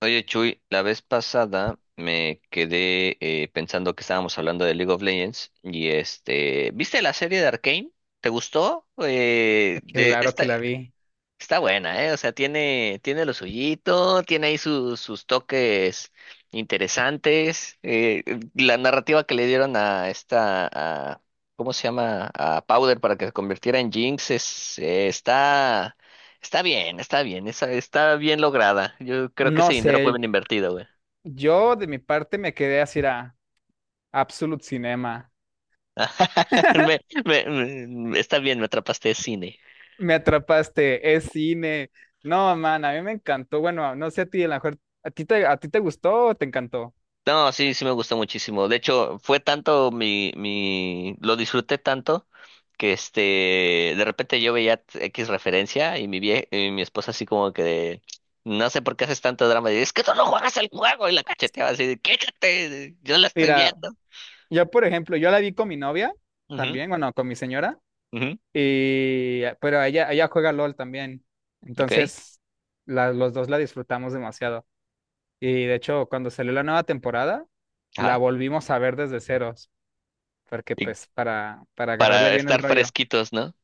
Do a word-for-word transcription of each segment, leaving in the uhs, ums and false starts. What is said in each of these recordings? Oye, Chuy, la vez pasada me quedé eh, pensando que estábamos hablando de League of Legends y este, ¿viste la serie de Arcane? ¿Te gustó? Eh, de Claro esta, que la vi. está buena, ¿eh? O sea, tiene, tiene lo suyito, tiene ahí sus, sus toques interesantes. Eh, la narrativa que le dieron a esta, a- ¿cómo se llama? A Powder para que se convirtiera en Jinx es, eh, está, está bien, está bien, está, está bien lograda. Yo creo que No ese dinero sé, fue bien invertido, güey. yo de mi parte me quedé así a Absolute Cinema. Me, me- me- está bien, me atrapaste de cine. Me atrapaste, es cine. No, man, a mí me encantó. Bueno, no sé a ti, a lo mejor, ¿a ti te, a ti te gustó o te encantó? No, sí, sí me gustó muchísimo. De hecho, fue tanto mi, mi, lo disfruté tanto que este, de repente yo veía X referencia y mi vie, y mi esposa así como que de, no sé por qué haces tanto drama. Y es que tú no juegas el juego y la cacheteaba así de, quédate, yo la estoy Mira, viendo. yo por ejemplo, yo la vi con mi novia Ujú, también, bueno, con mi señora, ujú, y pero ella, ella juega LOL también. ok, Entonces, la- los dos la disfrutamos demasiado. Y de hecho, cuando salió la nueva temporada, la ajá. volvimos a ver desde ceros porque Y pues para, para agarrarle para bien el estar rollo. fresquitos, ¿no?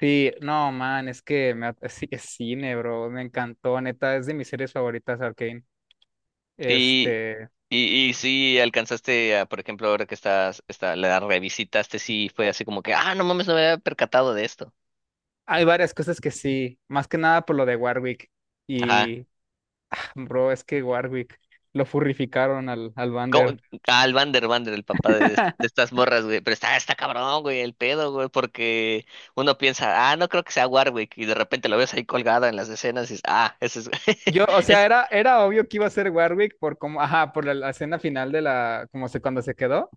Sí, no, man, es que me, at- sí, es cine, bro, me encantó, neta, es de mis series favoritas, Arcane. Y, Este, y, y sí alcanzaste, a, por ejemplo, ahora que estás, está, la revisitaste, sí fue así como que, ah, no mames, no me había percatado de esto. hay varias cosas que sí, más que nada por lo de Warwick. Ajá. Y, bro, es que Warwick lo furrificaron al, al ¿Cómo? Vander. Al Vander Vander, el papá de, est- de estas morras, güey. Pero está, está cabrón, güey, el pedo, güey, porque uno piensa, ah, no creo que sea Warwick, y de repente lo ves ahí colgada en las escenas y dices, ah, ese es. Yo, o sea, Es... era, era obvio que iba a ser Warwick por cómo, ajá, por la, la escena final de la, como se, cuando se quedó,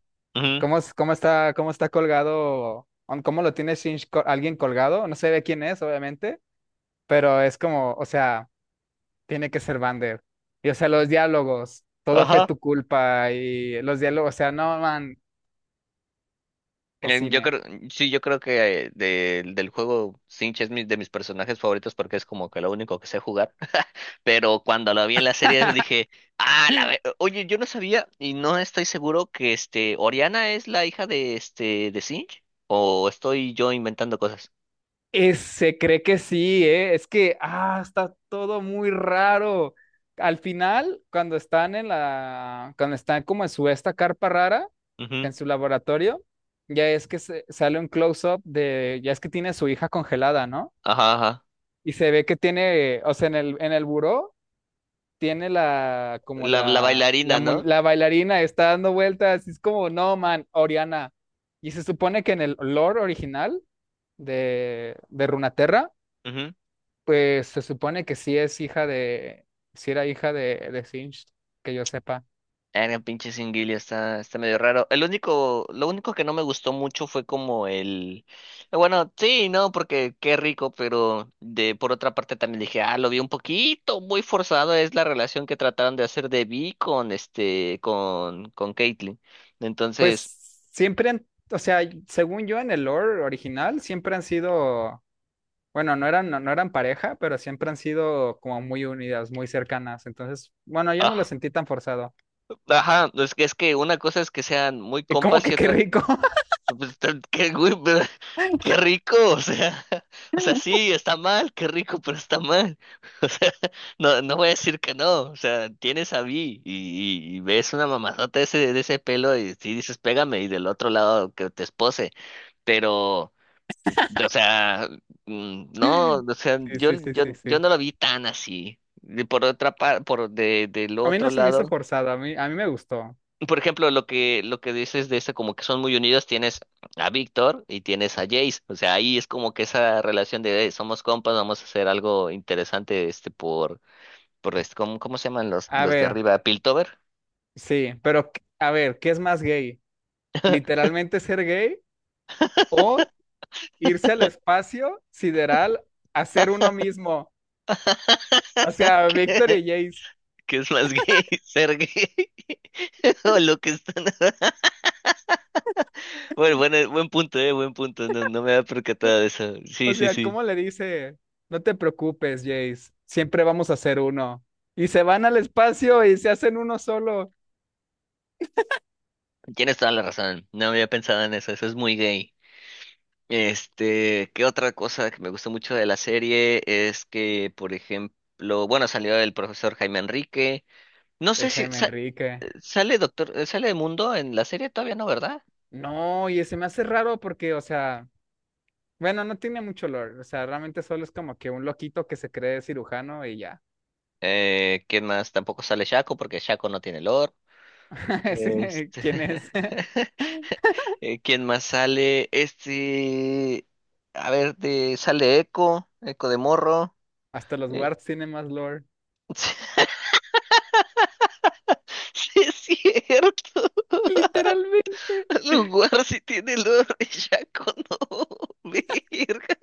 cómo, es- cómo está, cómo está colgado, on- cómo lo tiene Shinji, co- alguien colgado, no sé de quién es, obviamente, pero es como, o sea, tiene que ser Vander. Y o sea, los diálogos, todo fue Ujú. tu culpa y los diálogos, o sea, no, man, es Eh, Yo cine. creo, sí, yo creo que eh, del del juego Sinch es mi- de mis personajes favoritos porque es como que lo único que sé jugar. Pero cuando lo vi en la serie dije, ah, la ve- oye, yo no sabía y no estoy seguro que este Oriana es la hija de este de Sinch o estoy yo inventando cosas. Y se cree que sí, ¿eh? Es que, ah, está todo muy raro. Al final, cuando están en la, cuando están como en su esta carpa rara, Ujú. en su laboratorio, ya es que se- sale un close-up de, ya es que tiene a su hija congelada, ¿no? Ajá, ajá. Y se ve que tiene, o sea, en el, en el buró tiene la, como La, la la, la, bailarina, mu- ¿no? la bailarina está dando vueltas, y es como, no, man, Oriana. Y se supone que en el lore original de, de Runaterra, pues se supone que sí es hija de, sí era hija de, de Singed, que yo sepa. El pinche Singuillo está, está medio raro. El único, lo único que no me gustó mucho fue como el, bueno, sí, no, porque qué rico, pero de por otra parte también dije, ah, lo vi un poquito muy forzado, es la relación que trataron de hacer de Vi con este, con, con Caitlyn. Entonces, Pues siempre han, o sea, según yo en el lore original, siempre han sido, bueno, no eran, no, no eran pareja, pero siempre han sido como muy unidas, muy cercanas. Entonces, bueno, yo no lo ah, sentí tan forzado. ajá, es que es que una cosa es que sean muy Y como compas y que qué otra. rico. No, pues, tan- qué, güey, pero qué rico, o sea, o sea, sí, está mal, qué rico, pero está mal. O sea, no, no voy a decir que no, o sea, tienes a Vi y, y- y ves una mamazota de ese, de ese pelo y sí dices, pégame, y del otro lado que te espose, pero, o sea, mm, no, o sea, Sí, yo, sí, sí, sí, yo, yo sí. no lo vi tan así. Y por otra parte, por de, del A mí no otro se me hizo lado. forzado, a mí, a mí me gustó. Por ejemplo, lo que, lo que dices de esa, como que son muy unidos, tienes a Víctor y tienes a Jace. O sea, ahí es como que esa relación de "Eh, somos compas, vamos a hacer algo interesante, este, por, por este, ¿cómo, cómo se llaman los, A los de ver, arriba? ¿Piltover? sí, pero ¿qué- a ver, ¿qué es más gay? ¿Literalmente ser gay o irse al espacio sideral a ser uno mismo? O sea, Víctor que y Jace. que es más gay? ¿Ser gay? O lo que están. Bueno, bueno, buen punto, eh, buen punto. No, no me había percatado de eso. Sí, O sí, sea, sí. ¿cómo le dice? No te preocupes, Jace, siempre vamos a ser uno. Y se van al espacio y se hacen uno solo. Tienes toda la razón. No había pensado en eso. Eso es muy gay. Este, ¿qué otra cosa que me gustó mucho de la serie es que, por ejemplo, bueno, salió el profesor Jaime Enrique? No El sé si Jaime sa- Enrique. eh, sale Doctor, eh, sale Mundo en la serie todavía no, ¿verdad? No, y se me hace raro porque, o sea... Bueno, no tiene mucho lore, o sea, realmente solo es como que un loquito que se cree cirujano y ya. Eh, ¿quién más? Tampoco sale Shaco porque Shaco no tiene lore. Ese, Este, ¿quién es? eh, ¿quién más sale? Este, a ver, de, sale Echo, Echo de Morro. Hasta los Eh, guards tienen más lore. sí, es cierto. Literalmente, Lugar si tiene el olor a bellaco, no. Verga,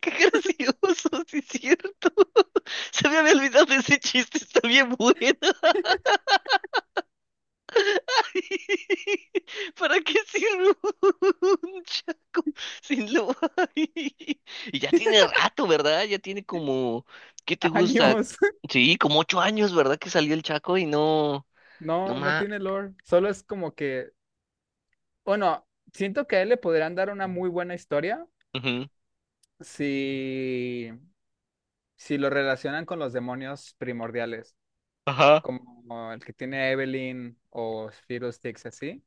qué gracioso, sí es cierto. Se me había olvidado de ese chiste, está bien bueno. ¿Para qué sirve un chaco sin lo Y ya tiene rato, ¿verdad? Ya tiene como, ¿qué te gusta? años. Sí, como ocho años, ¿verdad? Que salió el chaco y no, no No, no más. tiene lore. Solo es como que, bueno, siento que a él le podrían dar una muy buena historia si, si lo relacionan con los demonios primordiales, Ajá. como el que tiene Evelyn o Fiddlesticks, así.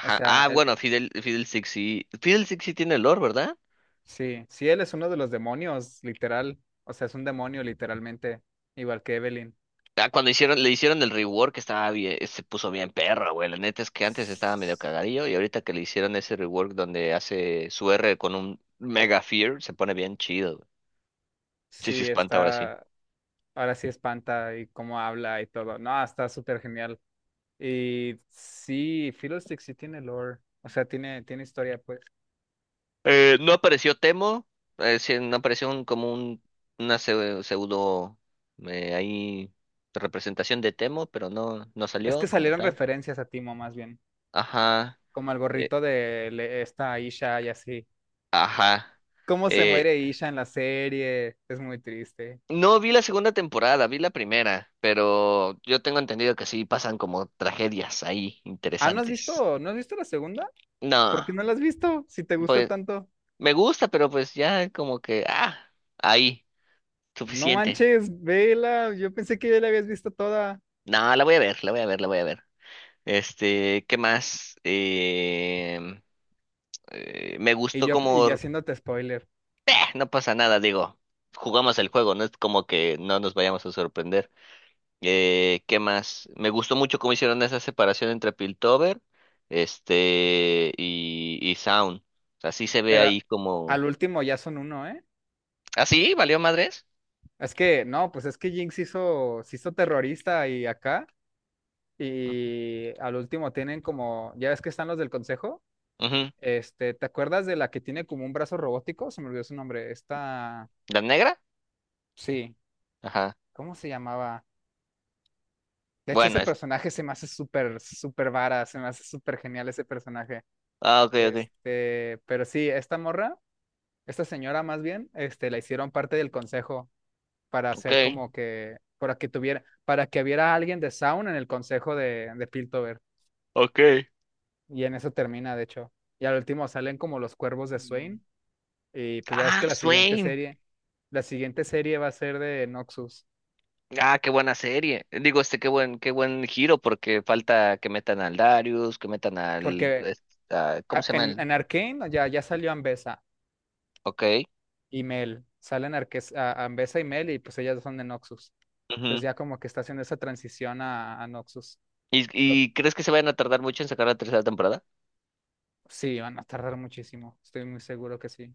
O sea, Ah, el, bueno, Fidel, Fidel Six sí. Fidel Six sí tiene olor, ¿verdad? sí, sí, él es uno de los demonios, literal. O sea, es un demonio, literalmente, igual que Evelyn. Ah, cuando hicieron, le hicieron el rework estaba bien, se puso bien perro, güey. La neta es que antes estaba medio S- cagadillo y ahorita que le hicieron ese rework donde hace su R con un Mega Fear, se pone bien chido, güey. Sí, se Sí, espanta ahora sí. está, ahora sí espanta y cómo habla y todo. No, está súper genial. Y sí, Philo Stick sí tiene lore, o sea, tiene, tiene historia, pues. Eh, no apareció Temo, eh, sí, no apareció un, como un, una pseu- pseudo, eh, ahí representación de Temo, pero no, no Es que salió como salieron tal. referencias a Timo, más bien, Ajá, como el eh, gorrito de le- esta Isha y así. ajá. ¿Cómo se muere Isha en la serie? Es muy triste. No vi la segunda temporada, vi la primera, pero yo tengo entendido que sí pasan como tragedias ahí Ah, ¿no has interesantes. visto, no has visto la segunda? ¿Por No, qué no la has visto? Si te gusta pues tanto. me gusta, pero pues ya como que, ah, ahí, No suficiente. manches, vela. Yo pensé que ya la habías visto toda. No, la voy a ver, la voy a ver, la voy a ver. Este, ¿qué más? Em, eh, me Y gustó yo, y yo como, haciéndote spoiler. "Eh, no pasa nada, digo, jugamos el juego, no es como que no nos vayamos a sorprender. Eh, ¿qué más? Me gustó mucho cómo hicieron esa separación entre Piltover, este, y, y Sound. O sea, sí se ve Pero ahí como... al último ya son uno, ¿eh? ¿Ah, sí? ¿Valió madres? Es que, no, pues es que Jinx hizo, se hizo terrorista y acá. Y al último tienen como, ya ves que están los del consejo. Ujú. Este, ¿te acuerdas de la que tiene como un brazo robótico? Se me olvidó su nombre. Esta, ¿La negra? sí, Ajá. ¿cómo se llamaba? De hecho, Bueno, ese es... personaje se me hace súper, súper vara, se me hace súper genial ese personaje. Ah, ok, ok. Este, pero sí, esta morra, esta señora más bien, este, la hicieron parte del consejo para hacer Ok. como que, para que tuviera, para que hubiera alguien de Sound en el consejo de, de Piltover. Ok. Y en eso termina, de hecho. Y al último salen como los cuervos de Mm. Swain. Y pues ya es Ah, que la siguiente Swain. serie, la siguiente serie va a ser de Noxus. Ah, qué buena serie. Digo, este, qué buen, qué buen giro, porque falta que metan al Darius, que metan al... Porque es- a- ¿cómo a- se llama en, el...? en Arcane ya, ya salió Ambessa Ok. y Mel. Salen Arques- a- Ambessa y Mel y pues ellas son de Noxus. Entonces Ujú. ya como que está haciendo esa transición a, a Noxus. ¿Y, Lo- y crees que se vayan a tardar mucho en sacar la tercera temporada? Sí, van a tardar muchísimo, estoy muy seguro que sí.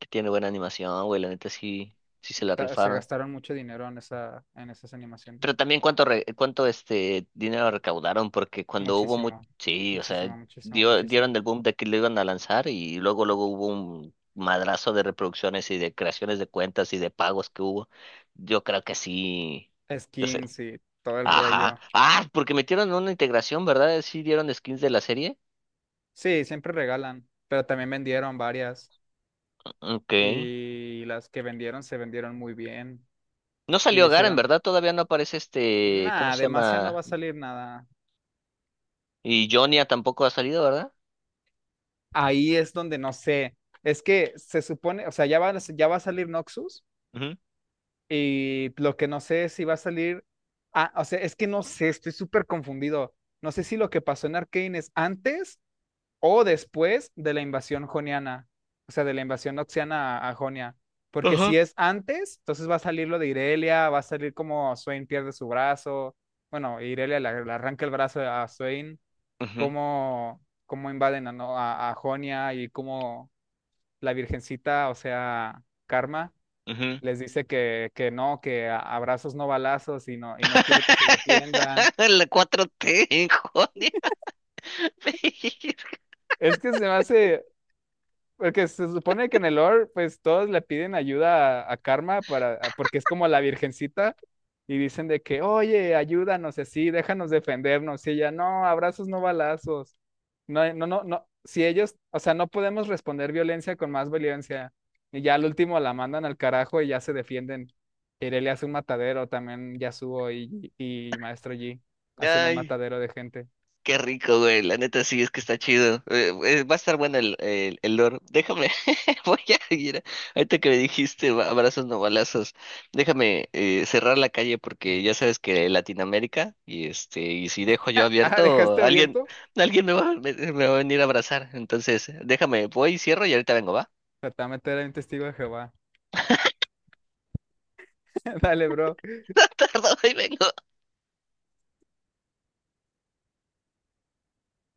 Que tiene buena animación, güey, la neta sí, sí se la Ta- Se rifaron. gastaron mucho dinero en esa, en esas Pero animaciones. también cuánto, re- cuánto este dinero recaudaron, porque cuando hubo muy, Muchísimo, sí, o sea, muchísimo, muchísimo, dio, dieron muchísimo. el boom de que lo iban a lanzar y luego, luego hubo un madrazo de reproducciones y de creaciones de cuentas y de pagos que hubo. Yo creo que sí, yo sé. Skins y todo el Ajá. rollo. Ah, porque metieron una integración, ¿verdad? Sí dieron skins de la serie. Sí, siempre regalan, pero también vendieron varias Ok. y las que vendieron se vendieron muy bien No y salió le Garen, hicieron, ¿verdad? Todavía no aparece este, ¿cómo nada, se demasiado no llama? va a salir nada. Y Jonia tampoco ha salido, ¿verdad? Ahí es donde no sé, es que se supone, o sea, ya va, a- ya va a salir Noxus. Y lo que no sé es si va a salir. Ah, o sea, es que no sé, estoy súper confundido. No sé si lo que pasó en Arcane es antes o después de la invasión joniana. O sea, de la invasión noxiana a, a Jonia. Porque si Ajá. es antes, entonces va a salir lo de Irelia, va a salir como Swain pierde su brazo. Bueno, Irelia le, le arranca el brazo a Swain. Ujú, Cómo, cómo invaden a, ¿no? a, a Jonia y cómo la virgencita, o sea, Karma ujú. les dice que, que no, que a- abrazos no balazos y no, y no quiere que se defiendan. La cuatro te joder. Es que se me hace, porque se supone que en el lore, pues todos le piden ayuda a, a Karma para, a- porque es como la virgencita y dicen de que, oye, ayúdanos y así, déjanos defendernos. Y ella, no, abrazos, no balazos. No, no, no, no. Si ellos, o sea, no podemos responder violencia con más violencia. Y ya al último la mandan al carajo y ya se defienden. Irelia hace un matadero también, Yasuo y, y Maestro Yi hacen un Ay, matadero de gente. qué rico, güey. La neta sí es que está chido. Eh, eh, va a estar bueno el, el, el lore. Déjame, voy a ir. Ahorita que me dijiste ba- abrazos no balazos, déjame eh, cerrar la calle porque ya sabes que Latinoamérica y este, y si dejo yo Ah, abierto, ¿dejaste alguien, abierto? alguien me va, me, me va a venir a abrazar. Entonces, déjame, voy, cierro y ahorita vengo, ¿va? Tratame era un testigo de Jehová. Dale, bro. No tardo, ahí vengo.